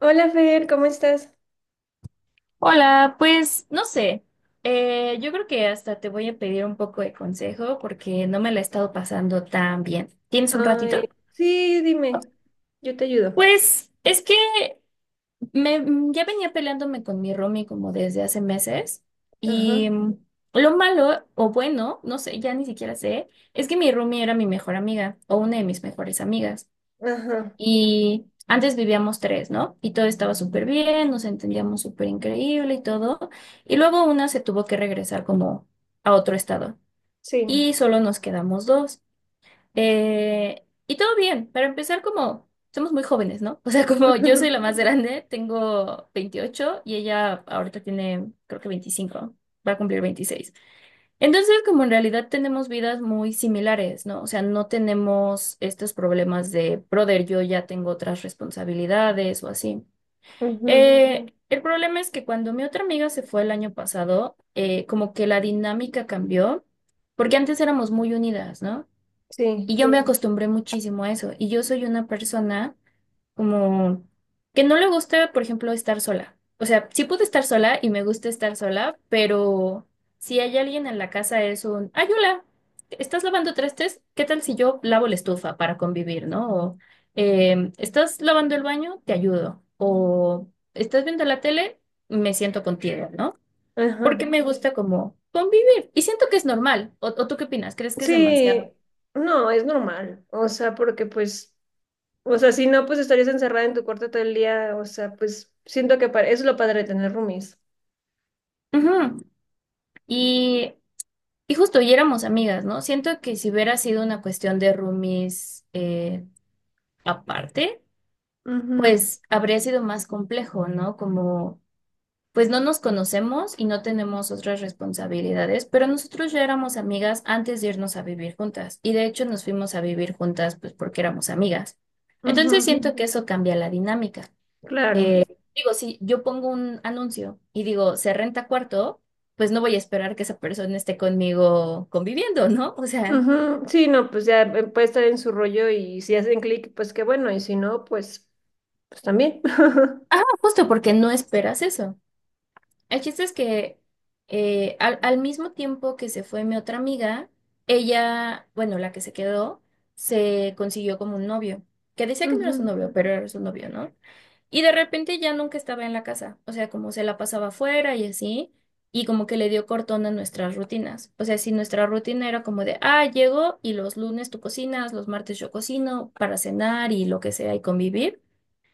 Hola Fer, ¿cómo estás? Hola, pues no sé, yo creo que hasta te voy a pedir un poco de consejo porque no me la he estado pasando tan bien. ¿Tienes un Ay, ratito? sí, dime, yo te ayudo. Pues es que ya venía peleándome con mi roomie como desde hace meses Ajá, y lo malo o bueno, no sé, ya ni siquiera sé, es que mi roomie era mi mejor amiga o una de mis mejores amigas. ajá, Y antes vivíamos tres, ¿no? Y todo estaba súper bien, nos entendíamos súper increíble y todo. Y luego una se tuvo que regresar como a otro estado. sí. Y solo nos quedamos dos. Y todo bien, para empezar como somos muy jóvenes, ¿no? O sea, como yo soy la más grande, tengo 28 y ella ahorita tiene creo que 25, va a cumplir 26. Entonces, como en realidad tenemos vidas muy similares, ¿no? O sea, no tenemos estos problemas de, brother, yo ya tengo otras responsabilidades o así. Ujú, El problema es que cuando mi otra amiga se fue el año pasado, como que la dinámica cambió, porque antes éramos muy unidas, ¿no? Y sí, yo me Sí. acostumbré muchísimo a eso. Y yo soy una persona como que no le gusta, por ejemplo, estar sola. O sea, sí puedo estar sola y me gusta estar sola, pero si hay alguien en la casa es un, ay, hola, ¿estás lavando trastes? ¿Qué tal si yo lavo la estufa para convivir, ¿no? O ¿estás lavando el baño? Te ayudo. O ¿estás viendo la tele? Me siento contigo, ¿no? ajá. Porque me gusta como convivir. Y siento que es normal. O tú qué opinas? ¿Crees que es Sí, demasiado? no, es normal. O sea, porque pues, o sea, si no, pues estarías encerrada en tu cuarto todo el día. O sea, pues siento que eso es lo padre de tener roomies. Ujú. Y Y justo, y éramos amigas, ¿no? Siento que si hubiera sido una cuestión de roomies aparte, pues habría sido más complejo, ¿no? Como, pues no nos conocemos y no tenemos otras responsabilidades, pero nosotros ya éramos amigas antes de irnos a vivir juntas. Y de hecho nos fuimos a vivir juntas, pues porque éramos amigas. Ujú, Entonces ujú, siento que eso cambia la dinámica. claro. Eh, Digo, si yo pongo un anuncio y digo, se renta cuarto, pues no voy a esperar que esa persona esté conmigo conviviendo, ¿no? O sea. Ujú, sí, no, pues ya puede estar en su rollo y si hacen clic, pues qué bueno. Y si no, pues, pues también. Ajá, justo porque no esperas eso. El chiste es que al mismo tiempo que se fue mi otra amiga, ella, bueno, la que se quedó, se consiguió como un novio, que decía que no era su Ujú, novio, pero era su novio, ¿no? Y de repente ya nunca estaba en la casa, o sea, como se la pasaba afuera y así, y como que le dio cortón a nuestras rutinas. O sea, si nuestra rutina era como de, ah, llego y los lunes tú cocinas, los martes yo cocino para cenar y lo que sea y convivir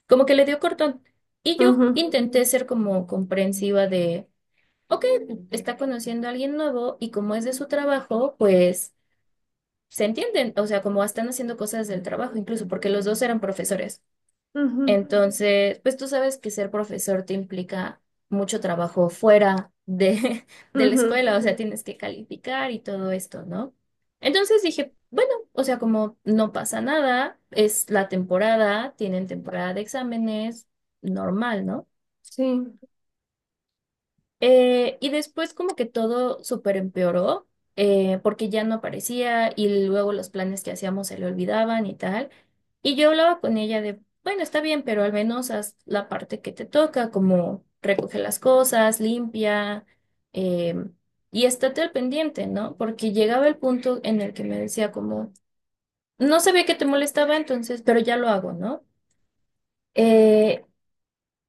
como que le dio cortón. Y yo ujú. intenté ser como comprensiva de, ok, está conociendo a alguien nuevo y como es de su trabajo, pues se entienden, o sea, como están haciendo cosas del trabajo, incluso porque los dos eran profesores. Ujú, Entonces, pues tú sabes que ser profesor te implica mucho trabajo fuera de, de la ujú. escuela, o sea, tienes que calificar y todo esto, ¿no? Entonces dije, bueno, o sea, como no pasa nada, es la temporada, tienen temporada de exámenes, normal, ¿no? Sí, Y después como que todo súper empeoró, porque ya no aparecía y luego los planes que hacíamos se le olvidaban y tal. Y yo hablaba con ella de, bueno, está bien, pero al menos haz la parte que te toca, como recoge las cosas, limpia, eh, y estate al pendiente, ¿no? Porque llegaba el punto en el que me decía como, no sabía que te molestaba entonces, pero ya lo hago, ¿no? Eh,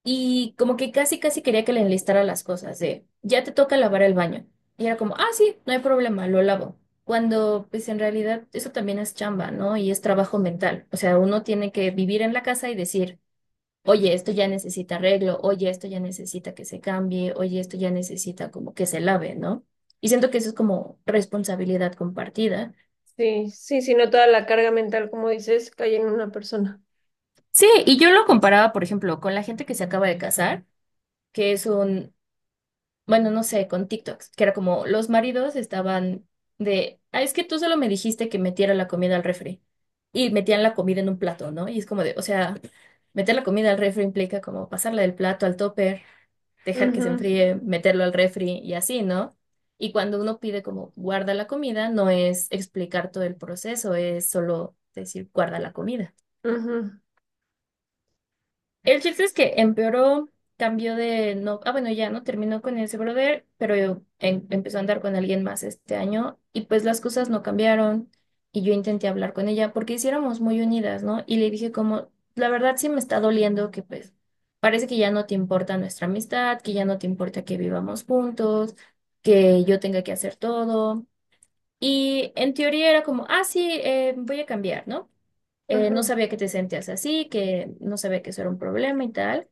y como que casi, casi quería que le enlistara las cosas, de ya te toca lavar el baño. Y era como, ah, sí, no hay problema, lo lavo. Cuando, pues en realidad, eso también es chamba, ¿no? Y es trabajo mental. O sea, uno tiene que vivir en la casa y decir, oye, esto ya necesita arreglo, oye, esto ya necesita que se cambie, oye, esto ya necesita como que se lave, ¿no? Y siento que eso es como responsabilidad compartida. sí, no toda la carga mental, como dices, cae en una persona. Sí, y yo lo comparaba, por ejemplo, con la gente que se acaba de casar, que es un bueno, no sé, con TikToks, que era como los maridos estaban de, ah, es que tú solo me dijiste que metiera la comida al refri. Y metían la comida en un plato, ¿no? Y es como de, o sea, meter la comida al refri implica como pasarla del plato al topper, dejar que se Ujú, enfríe, meterlo al refri y así, ¿no? Y cuando uno pide como guarda la comida, no es explicar todo el proceso, es solo decir guarda la comida. ujú, El chiste es que empeoró, cambió de no, ah bueno, ya no terminó con ese brother, pero empezó a andar con alguien más este año y pues las cosas no cambiaron y yo intenté hablar con ella porque hiciéramos muy unidas, ¿no? Y le dije como, la verdad sí me está doliendo que pues parece que ya no te importa nuestra amistad, que ya no te importa que vivamos juntos, que yo tenga que hacer todo. Y en teoría era como, ah, sí, voy a cambiar, ¿no? No ujú, sabía que te sentías así, que no sabía que eso era un problema y tal.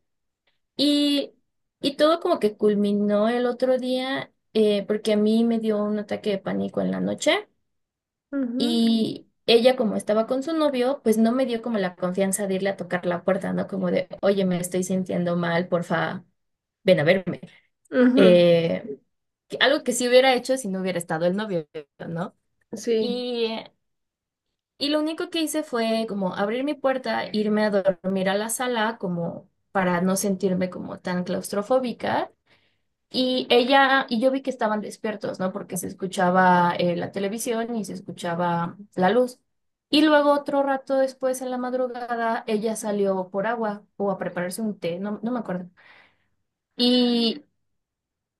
Y, y todo como que culminó el otro día porque a mí me dio un ataque de pánico en la noche ujú, y ella como estaba con su novio, pues no me dio como la confianza de irle a tocar la puerta, ¿no? Como de, oye, me estoy sintiendo mal, porfa, ven a verme. ujú. Eh, Algo que sí hubiera hecho si no hubiera estado el novio, ¿no? Sí, Y, y lo único que hice fue como abrir mi puerta, irme a dormir a la sala como para no sentirme como tan claustrofóbica. Y ella, y yo vi que estaban despiertos, ¿no? Porque se escuchaba la televisión y se escuchaba la luz. Y luego otro rato después, en la madrugada, ella salió por agua o a prepararse un té, no, no me acuerdo. Y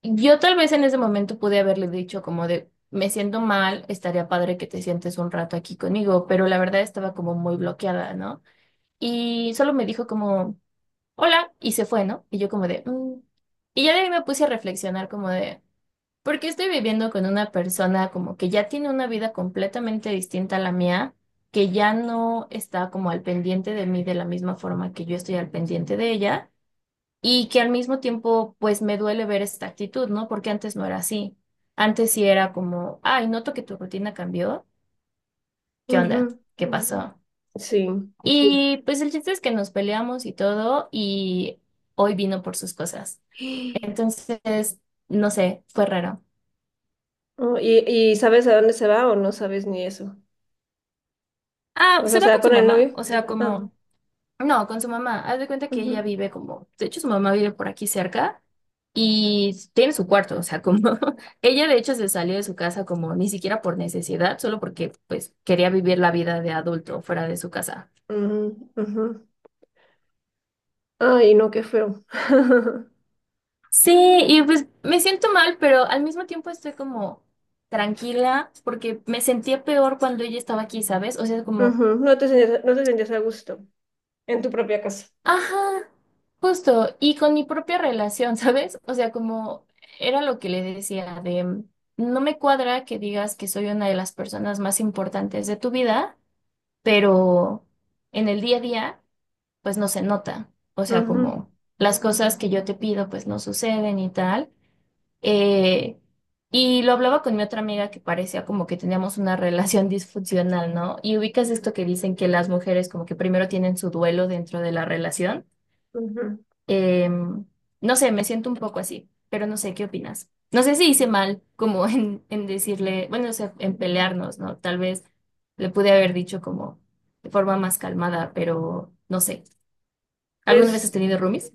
yo tal vez en ese momento pude haberle dicho como de, me siento mal, estaría padre que te sientes un rato aquí conmigo, pero la verdad estaba como muy bloqueada, ¿no? Y solo me dijo como, hola, y se fue, ¿no? Y yo como de, "Mm". Y ya de ahí me puse a reflexionar como de... Porque estoy viviendo con una persona como que ya tiene una vida completamente distinta a la mía, que ya no está como al pendiente de mí de la misma forma que yo estoy al pendiente de ella, y que al mismo tiempo pues me duele ver esta actitud, ¿no? Porque antes no era así. Antes sí era como, ay, noto que tu rutina cambió. ¿Qué onda? ujú, ¿Qué pasó? sí. Y pues el chiste es que nos peleamos y todo, y hoy vino por sus cosas. Entonces, no sé, fue raro. Oh, y sabes a dónde se va o no sabes ni eso? Ah, O sea, se ¿se va va con su con el mamá, novio? o sea, Ah, como... No, con su mamá. Haz de cuenta que ella ujú, vive como, de hecho su mamá vive por aquí cerca y tiene su cuarto, o sea, como ella de hecho se salió de su casa como ni siquiera por necesidad, solo porque pues quería vivir la vida de adulto fuera de su casa. ujú, ujú. Ay, no, qué feo. Sí, y pues me siento mal, pero al mismo tiempo estoy como tranquila porque me sentía peor cuando ella estaba aquí, ¿sabes? O sea, como Ujú, no te sentías, no te sentías a gusto en tu propia casa. Ajá, justo, y con mi propia relación, ¿sabes? O sea, como era lo que le decía de, no me cuadra que digas que soy una de las personas más importantes de tu vida, pero en el día a día, pues no se nota. O sea, Ujú, como las cosas que yo te pido, pues no suceden y tal. Eh, y lo hablaba con mi otra amiga que parecía como que teníamos una relación disfuncional, ¿no? Y ubicas esto que dicen que las mujeres como que primero tienen su duelo dentro de la relación. ujú. Eh, no sé, me siento un poco así, pero no sé, ¿qué opinas? No sé si hice mal como en decirle, bueno, o sea, en pelearnos, ¿no? Tal vez le pude haber dicho como de forma más calmada, pero no sé. ¿Alguna vez has Pues. tenido roomies?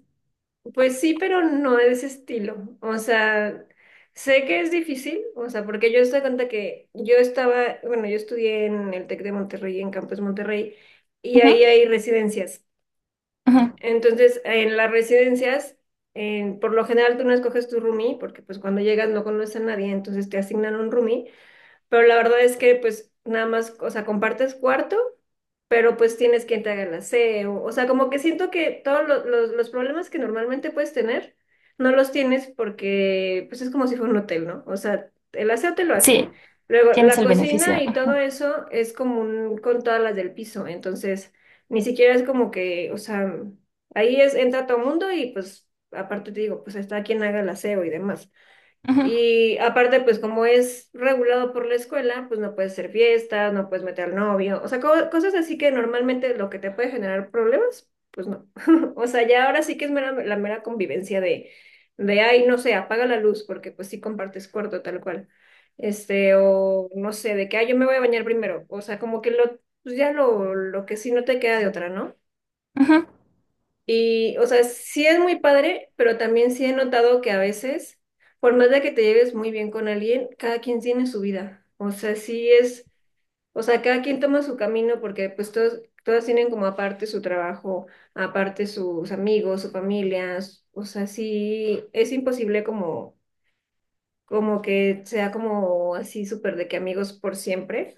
Pues sí, pero no de ese estilo. O sea, sé que es difícil, o sea, porque yo estoy cuenta que yo estaba, bueno, yo estudié en el TEC de Monterrey, en Campus Monterrey, y Ujú, ahí hay residencias. ujú. Entonces, en las residencias, por lo general tú no escoges tu roomie, porque pues cuando llegas no conoces a nadie, entonces te asignan un roomie. Pero la verdad es que pues nada más, o sea, compartes cuarto, pero pues tienes quien te haga el aseo. O sea, como que siento que los problemas que normalmente puedes tener, no los tienes porque pues es como si fuera un hotel, ¿no? O sea, el aseo te lo hacen. Sí, Luego, tienes la el cocina beneficio. y todo eso es común con todas las del piso. Entonces, ni siquiera es como que, o sea, ahí es, entra todo mundo y pues aparte te digo, pues está quien haga el aseo y demás. Ujú, Y aparte, pues como es regulado por la escuela, pues no puedes hacer fiestas, no puedes meter al novio, o sea, cosas así que normalmente lo que te puede generar problemas. O sea, ya ahora sí que es la mera convivencia de, ay, no sé, apaga la luz, porque pues sí compartes cuarto tal cual. Este, o no sé, de que, ay, yo me voy a bañar primero. O sea, pues ya lo que sí no te queda de otra, ¿no? ujú. Y, o sea, sí es muy padre, pero también sí he notado que a veces, por más de que te lleves muy bien con alguien, cada quien tiene su vida. O sea, sí es, o sea, cada quien toma su camino porque pues todos, todas tienen como aparte su trabajo, aparte sus amigos, su familia. O sea, sí es imposible como, como que sea como así súper de que amigos por siempre.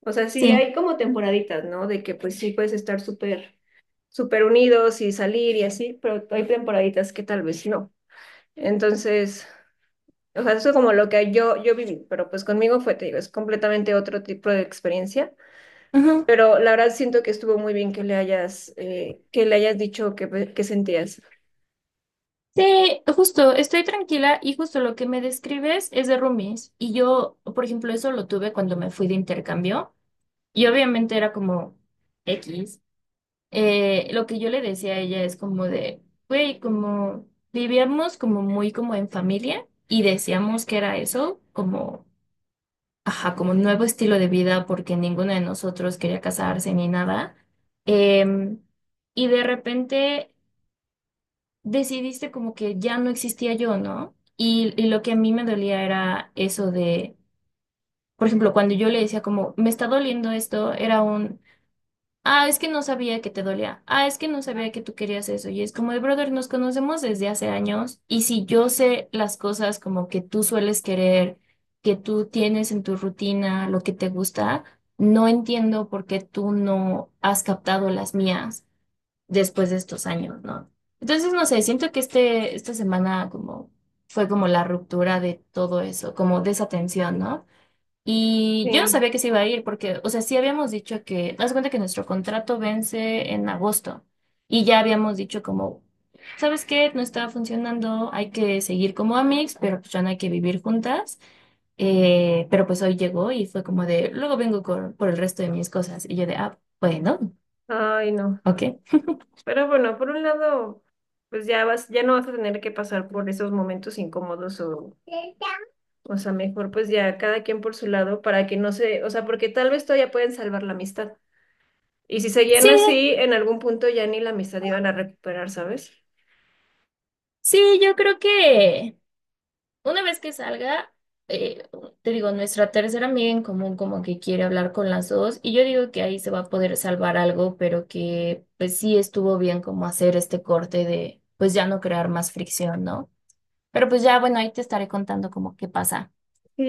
O sea, sí Sí. hay como temporaditas, ¿no? De que pues sí puedes estar súper súper unidos y salir y así, pero hay temporaditas que tal vez no. Entonces, o sea, eso es como lo que yo viví, pero pues conmigo fue, te digo, es completamente otro tipo de experiencia. Ujú. Pero la verdad siento que estuvo muy bien que le hayas dicho que, pues, que sentías. Sí, justo, estoy tranquila y justo lo que me describes es de roomies. Y yo, por ejemplo, eso lo tuve cuando me fui de intercambio y obviamente era como... X. Lo que yo le decía a ella es como de, güey, como vivíamos como muy como en familia y decíamos que era eso, como, ajá, como un nuevo estilo de vida porque ninguno de nosotros quería casarse ni nada. Em, y de repente decidiste como que ya no existía yo, ¿no? Y lo que a mí me dolía era eso de, por ejemplo, cuando yo le decía como, me está doliendo esto, era un... Ah, es que no sabía que te dolía. Ah, es que no sabía que tú querías eso. Y es como de brother, nos conocemos desde hace años. Y si yo sé las cosas como que tú sueles querer, que tú tienes en tu rutina, lo que te gusta, no entiendo por qué tú no has captado las mías después de estos años, ¿no? Entonces, no sé, siento que este, esta semana como fue como la ruptura de todo eso, como de esa tensión, ¿no? Y yo no Sí, sabía que se iba a ir porque, o sea, sí habíamos dicho que, haz de cuenta que nuestro contrato vence en agosto y ya habíamos dicho como, ¿sabes qué? No está funcionando, hay que seguir como amigos, pero pues ya no hay que vivir juntas. Pero pues hoy llegó y fue como de, luego por el resto de mis cosas. Y yo de, ah, bueno, ay no. ok. Pero bueno, por un lado, pues ya vas, ya no vas a tener que pasar por esos momentos incómodos o sea, mejor pues ya cada quien por su lado para que no se, o sea, porque tal vez todavía pueden salvar la amistad. Y si seguían Sí, así, en algún punto ya ni la amistad iban a recuperar, ¿sabes? sí, yo creo que... Una vez que salga, eh, te digo, nuestra tercera amiga en común como que quiere hablar con las dos y yo digo que ahí se va a poder salvar algo, pero que pues sí estuvo bien como hacer este corte de pues ya no crear más fricción, ¿no? Pero pues ya, bueno, ahí te estaré contando como qué pasa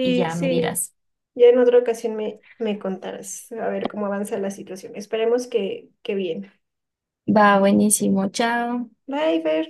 y ya me sí. dirás. Ya en otra ocasión me, me contarás a ver cómo avanza la situación. Esperemos que bien. Va, buenísimo, chao. Bye, Fer.